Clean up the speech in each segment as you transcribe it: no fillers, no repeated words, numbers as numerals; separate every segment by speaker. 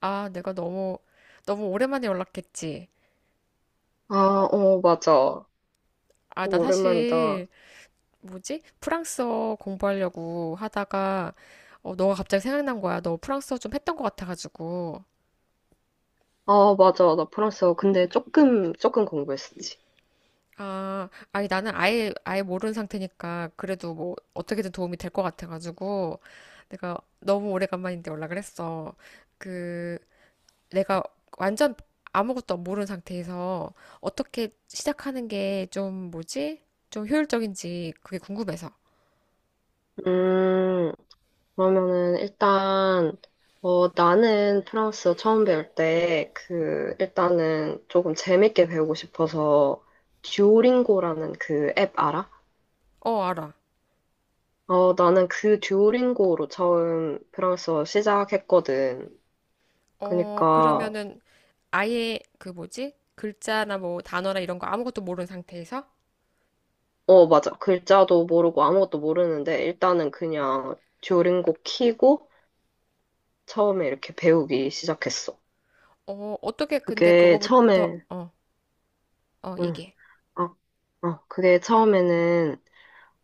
Speaker 1: 아, 내가 너무, 너무 오랜만에 연락했지.
Speaker 2: 아, 어, 맞아.
Speaker 1: 아, 나
Speaker 2: 오랜만이다.
Speaker 1: 사실, 뭐지? 프랑스어 공부하려고 하다가, 어, 너가 갑자기 생각난 거야. 너 프랑스어 좀 했던 것 같아가지고.
Speaker 2: 아, 맞아. 나 프랑스어. 근데 조금 공부했었지.
Speaker 1: 아, 아니, 나는 아예, 아예 모르는 상태니까, 그래도 뭐, 어떻게든 도움이 될 것 같아가지고, 내가 너무 오래간만인데 연락을 했어. 그, 내가 완전 아무것도 모르는 상태에서, 어떻게 시작하는 게 좀, 뭐지? 좀 효율적인지, 그게 궁금해서.
Speaker 2: 음, 그러면은 일단, 나는 프랑스어 처음 배울 때, 그, 일단은 조금 재밌게 배우고 싶어서, 듀오링고라는 그 앱 알아?
Speaker 1: 어, 알아.
Speaker 2: 나는 그 듀오링고로 처음 프랑스어 시작했거든.
Speaker 1: 어,
Speaker 2: 그니까,
Speaker 1: 그러면은 아예 그 뭐지? 글자나 뭐 단어나 이런 거 아무것도 모르는 상태에서
Speaker 2: 어, 맞아. 글자도 모르고 아무것도 모르는데, 일단은 그냥 듀오링고 키고, 처음에 이렇게 배우기 시작했어.
Speaker 1: 어, 어떻게 근데
Speaker 2: 그게
Speaker 1: 그거부터
Speaker 2: 처음에,
Speaker 1: 어, 어,
Speaker 2: 응,
Speaker 1: 얘기해.
Speaker 2: 어, 그게 처음에는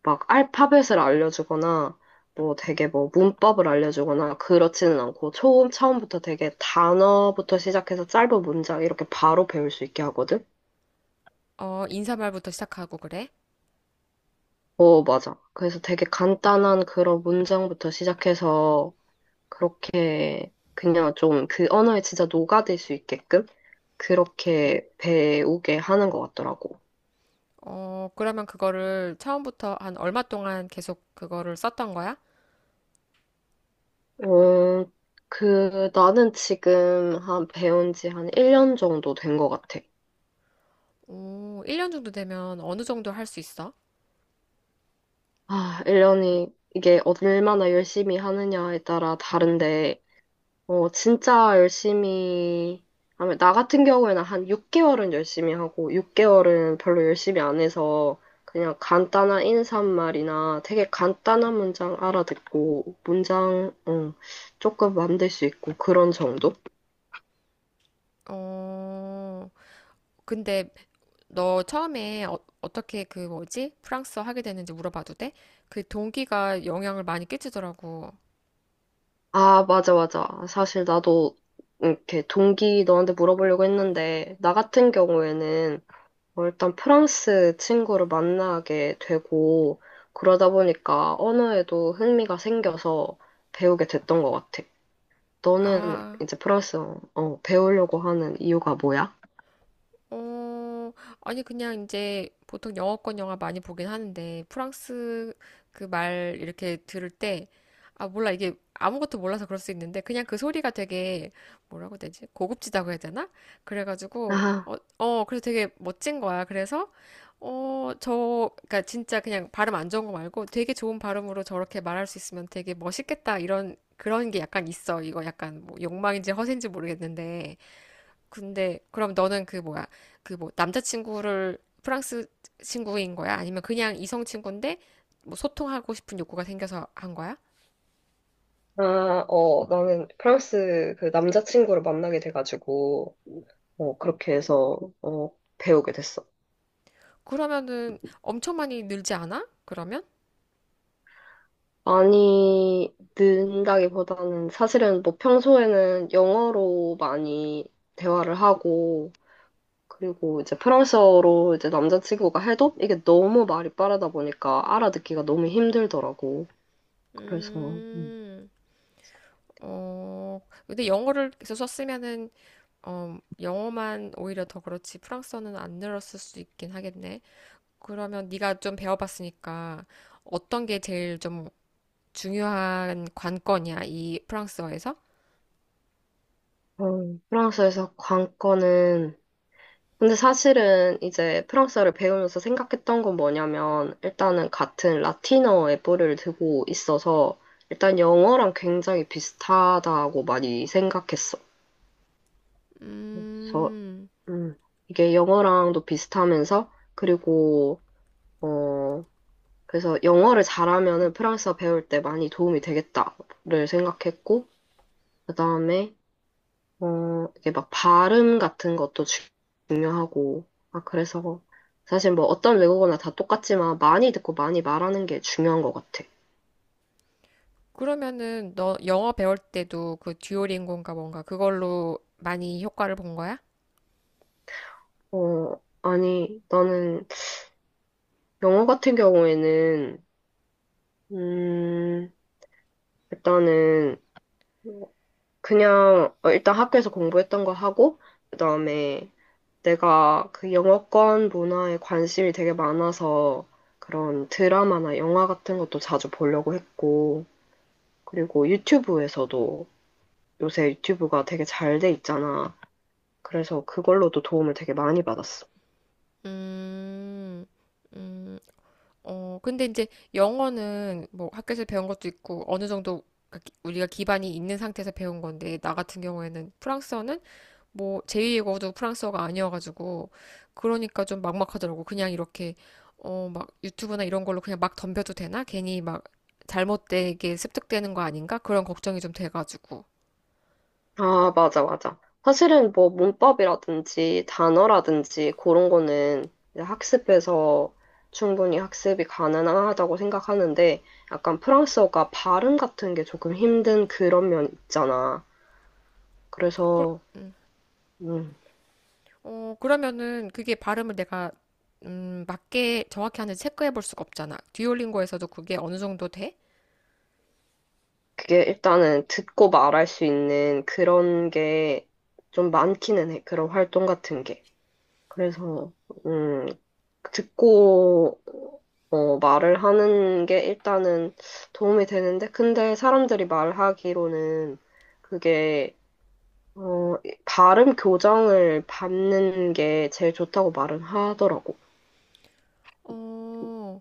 Speaker 2: 막 알파벳을 알려주거나, 뭐 되게 뭐 문법을 알려주거나 그렇지는 않고 처음 처음부터 되게 단어부터 시작해서 짧은 문장 이렇게 바로 배울 수 있게 하거든?
Speaker 1: 어, 인사말부터 시작하고 그래?
Speaker 2: 어, 맞아. 그래서 되게 간단한 그런 문장부터 시작해서 그렇게 그냥 좀 그 언어에 진짜 녹아들 수 있게끔 그렇게 배우게 하는 것 같더라고.
Speaker 1: 어, 그러면 그거를 처음부터 한 얼마 동안 계속 그거를 썼던 거야?
Speaker 2: 어, 그, 나는 지금 한 배운 지 한 1년 정도 된 것 같아.
Speaker 1: 오, 1년 정도 되면 어느 정도 할 수 있어?
Speaker 2: 아, 1년이, 이게 얼마나 열심히 하느냐에 따라 다른데, 진짜 열심히 하면, 나 같은 경우에는 한 6개월은 열심히 하고, 6개월은 별로 열심히 안 해서, 그냥 간단한 인사말이나 되게 간단한 문장 알아듣고, 문장, 조금 만들 수 있고, 그런 정도?
Speaker 1: 어, 근데 너 처음에 어, 어떻게 그 뭐지? 프랑스어 하게 됐는지 물어봐도 돼? 그 동기가 영향을 많이 끼치더라고.
Speaker 2: 아, 맞아, 맞아. 사실 나도 이렇게 동기 너한테 물어보려고 했는데, 나 같은 경우에는 일단 프랑스 친구를 만나게 되고, 그러다 보니까 언어에도 흥미가 생겨서 배우게 됐던 것 같아. 너는
Speaker 1: 아,
Speaker 2: 이제 프랑스어 배우려고 하는 이유가 뭐야?
Speaker 1: 어, 아니, 그냥 이제 보통 영어권 영화 많이 보긴 하는데, 프랑스 그 말 이렇게 들을 때, 아, 몰라. 이게 아무것도 몰라서 그럴 수 있는데, 그냥 그 소리가 되게, 뭐라고 해야 되지? 고급지다고 해야 되나? 그래가지고,
Speaker 2: 아,
Speaker 1: 어, 어, 그래서 되게 멋진 거야. 그래서, 어, 저, 그니까 진짜 그냥 발음 안 좋은 거 말고 되게 좋은 발음으로 저렇게 말할 수 있으면 되게 멋있겠다. 이런, 그런 게 약간 있어. 이거 약간 뭐 욕망인지 허세인지 모르겠는데. 근데 그럼 너는 그 뭐야? 그 뭐 남자친구를 프랑스 친구인 거야? 아니면 그냥 이성 친구인데 뭐 소통하고 싶은 욕구가 생겨서 한 거야?
Speaker 2: 아, 나는 프랑스 그 남자친구를 만나게 돼가지고, 그렇게 해서 배우게 됐어.
Speaker 1: 그러면은 엄청 많이 늘지 않아? 그러면?
Speaker 2: 많이 는다기보다는 사실은 뭐 평소에는 영어로 많이 대화를 하고, 그리고 이제 프랑스어로 이제 남자친구가 해도 이게 너무 말이 빠르다 보니까 알아듣기가 너무 힘들더라고. 그래서
Speaker 1: 음. 어, 근데 영어를 계속 썼으면은 어, 영어만 오히려 더 그렇지 프랑스어는 안 늘었을 수 있긴 하겠네. 그러면 네가 좀 배워봤으니까 어떤 게 제일 좀 중요한 관건이야, 이 프랑스어에서?
Speaker 2: 어, 프랑스에서 관건은, 근데 사실은 이제 프랑스어를 배우면서 생각했던 건 뭐냐면, 일단은 같은 라틴어의 뿌리를 두고 있어서 일단 영어랑 굉장히 비슷하다고 많이 생각했어. 그래서
Speaker 1: 음,
Speaker 2: 음, 이게 영어랑도 비슷하면서, 그리고 어 그래서 영어를 잘하면은 프랑스어 배울 때 많이 도움이 되겠다를 생각했고, 그다음에 이게 막 발음 같은 것도 중요하고, 아 그래서 사실 뭐 어떤 외국어나 다 똑같지만 많이 듣고 많이 말하는 게 중요한 것 같아.
Speaker 1: 그러면은 너 영어 배울 때도 그 듀오링고인가 뭔가 그걸로 많이 효과를 본 거야?
Speaker 2: 아니, 나는 영어 같은 경우에는 음 일단은 어, 그냥 일단 학교에서 공부했던 거 하고, 그다음에 내가 그 영어권 문화에 관심이 되게 많아서 그런 드라마나 영화 같은 것도 자주 보려고 했고, 그리고 유튜브에서도, 요새 유튜브가 되게 잘 돼 있잖아. 그래서 그걸로도 도움을 되게 많이 받았어.
Speaker 1: 음, 음, 어, 근데 이제 영어는 뭐 학교에서 배운 것도 있고 어느 정도 우리가 기반이 있는 상태에서 배운 건데 나 같은 경우에는 프랑스어는 뭐 제2외국어도 프랑스어가 아니어가지고 그러니까 좀 막막하더라고. 그냥 이렇게 어 막 유튜브나 이런 걸로 그냥 막 덤벼도 되나? 괜히 막 잘못되게 습득되는 거 아닌가? 그런 걱정이 좀 돼가지고.
Speaker 2: 아, 맞아, 맞아. 사실은 뭐 문법이라든지 단어라든지 그런 거는 이제 학습해서 충분히 학습이 가능하다고 생각하는데, 약간 프랑스어가 발음 같은 게 조금 힘든 그런 면 있잖아.
Speaker 1: 그,
Speaker 2: 그래서, 음,
Speaker 1: 어 그러면은 그게 발음을 내가 맞게 정확히 하는지 체크해 볼 수가 없잖아. 듀오링고에서도 그게 어느 정도 돼?
Speaker 2: 그게 일단은 듣고 말할 수 있는 그런 게 좀 많기는 해. 그런 활동 같은 게. 그래서, 음, 듣고 말을 하는 게 일단은 도움이 되는데, 근데 사람들이 말하기로는 그게 어, 발음 교정을 받는 게 제일 좋다고 말은 하더라고.
Speaker 1: 어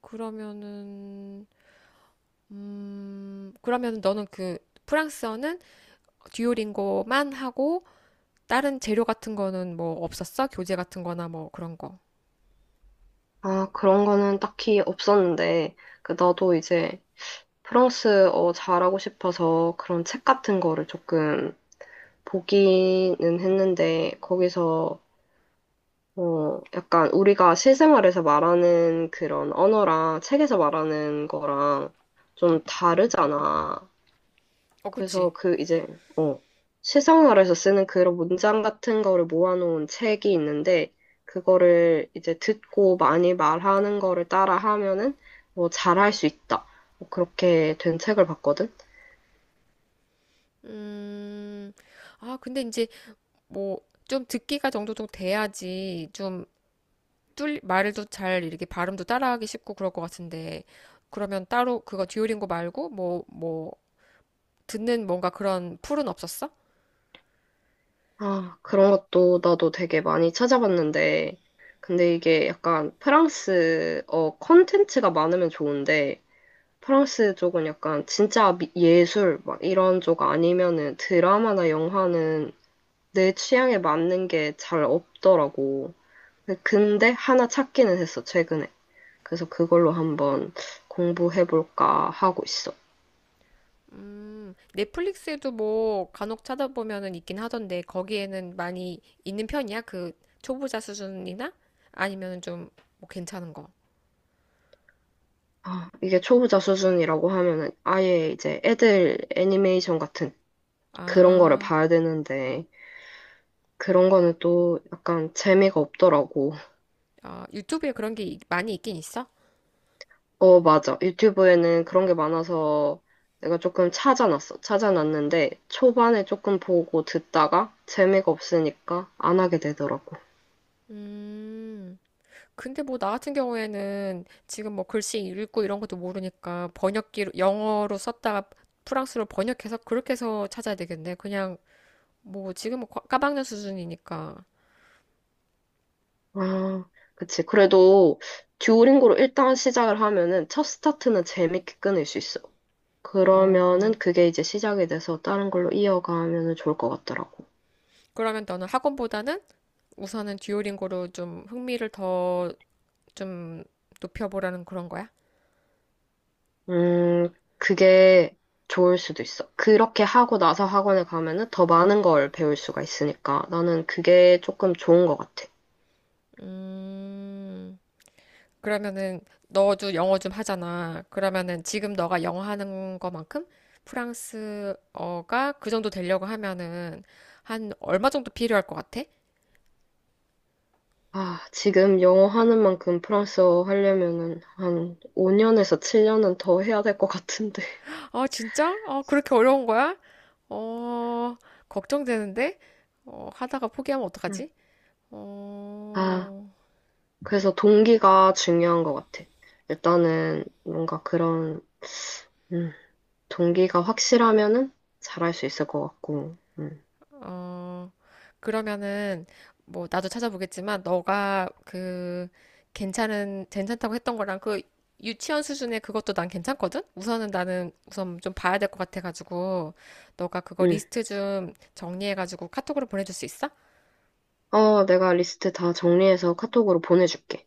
Speaker 1: 그러면은 그러면은 너는 그 프랑스어는 듀오링고만 하고 다른 재료 같은 거는 뭐 없었어? 교재 같은 거나 뭐 그런 거.
Speaker 2: 아, 그런 거는 딱히 없었는데, 그 나도 이제 프랑스어 잘하고 싶어서 그런 책 같은 거를 조금 보기는 했는데, 거기서 약간 우리가 실생활에서 말하는 그런 언어랑 책에서 말하는 거랑 좀 다르잖아.
Speaker 1: 어, 그치.
Speaker 2: 그래서 그 이제, 어, 실생활에서 쓰는 그런 문장 같은 거를 모아놓은 책이 있는데, 그거를 이제 듣고 많이 말하는 거를 따라 하면은 뭐 잘할 수 있다, 뭐 그렇게 된 책을 봤거든.
Speaker 1: 음, 아, 근데 이제 뭐 좀 듣기가 정도 좀 돼야지 좀 말도 잘 이렇게 발음도 따라하기 쉽고 그럴 것 같은데. 그러면 따로 그거 듀오링고 말고 뭐, 뭐, 듣는 뭔가 그런 풀은 없었어?
Speaker 2: 아, 그런 것도 나도 되게 많이 찾아봤는데, 근데 이게 약간 프랑스어 컨텐츠가 많으면 좋은데, 프랑스 쪽은 약간 진짜 예술 막 이런 쪽 아니면은 드라마나 영화는 내 취향에 맞는 게 잘 없더라고. 근데 하나 찾기는 했어, 최근에. 그래서 그걸로 한번 공부해볼까 하고 있어.
Speaker 1: 넷플릭스에도 뭐 간혹 찾아보면은 있긴 하던데 거기에는 많이 있는 편이야? 그 초보자 수준이나 아니면은 좀뭐 괜찮은 거.
Speaker 2: 아, 이게 초보자 수준이라고 하면은 아예 이제 애들 애니메이션 같은 그런 거를
Speaker 1: 아.
Speaker 2: 봐야 되는데, 그런 거는 또 약간 재미가 없더라고.
Speaker 1: 아, 유튜브에 그런 게 많이 있긴 있어?
Speaker 2: 어, 맞아. 유튜브에는 그런 게 많아서 내가 조금 찾아놨어. 찾아놨는데 초반에 조금 보고 듣다가 재미가 없으니까 안 하게 되더라고.
Speaker 1: 음, 근데 뭐 나 같은 경우에는 지금 뭐 글씨 읽고 이런 것도 모르니까 번역기로, 영어로 썼다가 프랑스로 번역해서 그렇게 해서 찾아야 되겠네. 그냥 뭐 지금 뭐 까막눈 수준이니까.
Speaker 2: 아, 그치. 그래도 듀오링고로 일단 시작을 하면은 첫 스타트는 재밌게 끊을 수 있어. 그러면은
Speaker 1: 어,
Speaker 2: 그게 이제 시작이 돼서 다른 걸로 이어가면은 좋을 것 같더라고.
Speaker 1: 그러면 너는 학원보다는 우선은 듀오링고로 좀 흥미를 더 좀 높여보라는 그런 거야?
Speaker 2: 음, 그게 좋을 수도 있어. 그렇게 하고 나서 학원에 가면은 더 많은 걸 배울 수가 있으니까 나는 그게 조금 좋은 것 같아.
Speaker 1: 음, 그러면은 너도 영어 좀 하잖아. 그러면은 지금 너가 영어 하는 거만큼 프랑스어가 그 정도 되려고 하면은 한 얼마 정도 필요할 것 같아?
Speaker 2: 아, 지금 영어 하는 만큼 프랑스어 하려면은 한 5년에서 7년은 더 해야 될 것 같은데.
Speaker 1: 아, 진짜? 어, 그렇게 어려운 거야? 어, 걱정되는데? 어, 하다가 포기하면
Speaker 2: 음.
Speaker 1: 어떡하지?
Speaker 2: 아,
Speaker 1: 어,
Speaker 2: 그래서 동기가 중요한 것 같아. 일단은 뭔가 그런, 음, 동기가 확실하면은 잘할 수 있을 것 같고,
Speaker 1: 어, 그러면은, 뭐, 나도 찾아보겠지만, 너가 그, 괜찮다고 했던 거랑 그, 유치원 수준의 그것도 난 괜찮거든? 우선은 나는 우선 좀 봐야 될 것 같아가지고, 너가 그거
Speaker 2: 음.
Speaker 1: 리스트 좀 정리해가지고 카톡으로 보내줄 수 있어?
Speaker 2: 어, 내가 리스트 다 정리해서 카톡으로 보내줄게.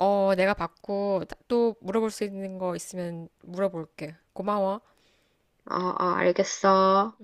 Speaker 1: 어, 내가 받고 또 물어볼 수 있는 거 있으면 물어볼게. 고마워.
Speaker 2: 어, 어, 알겠어.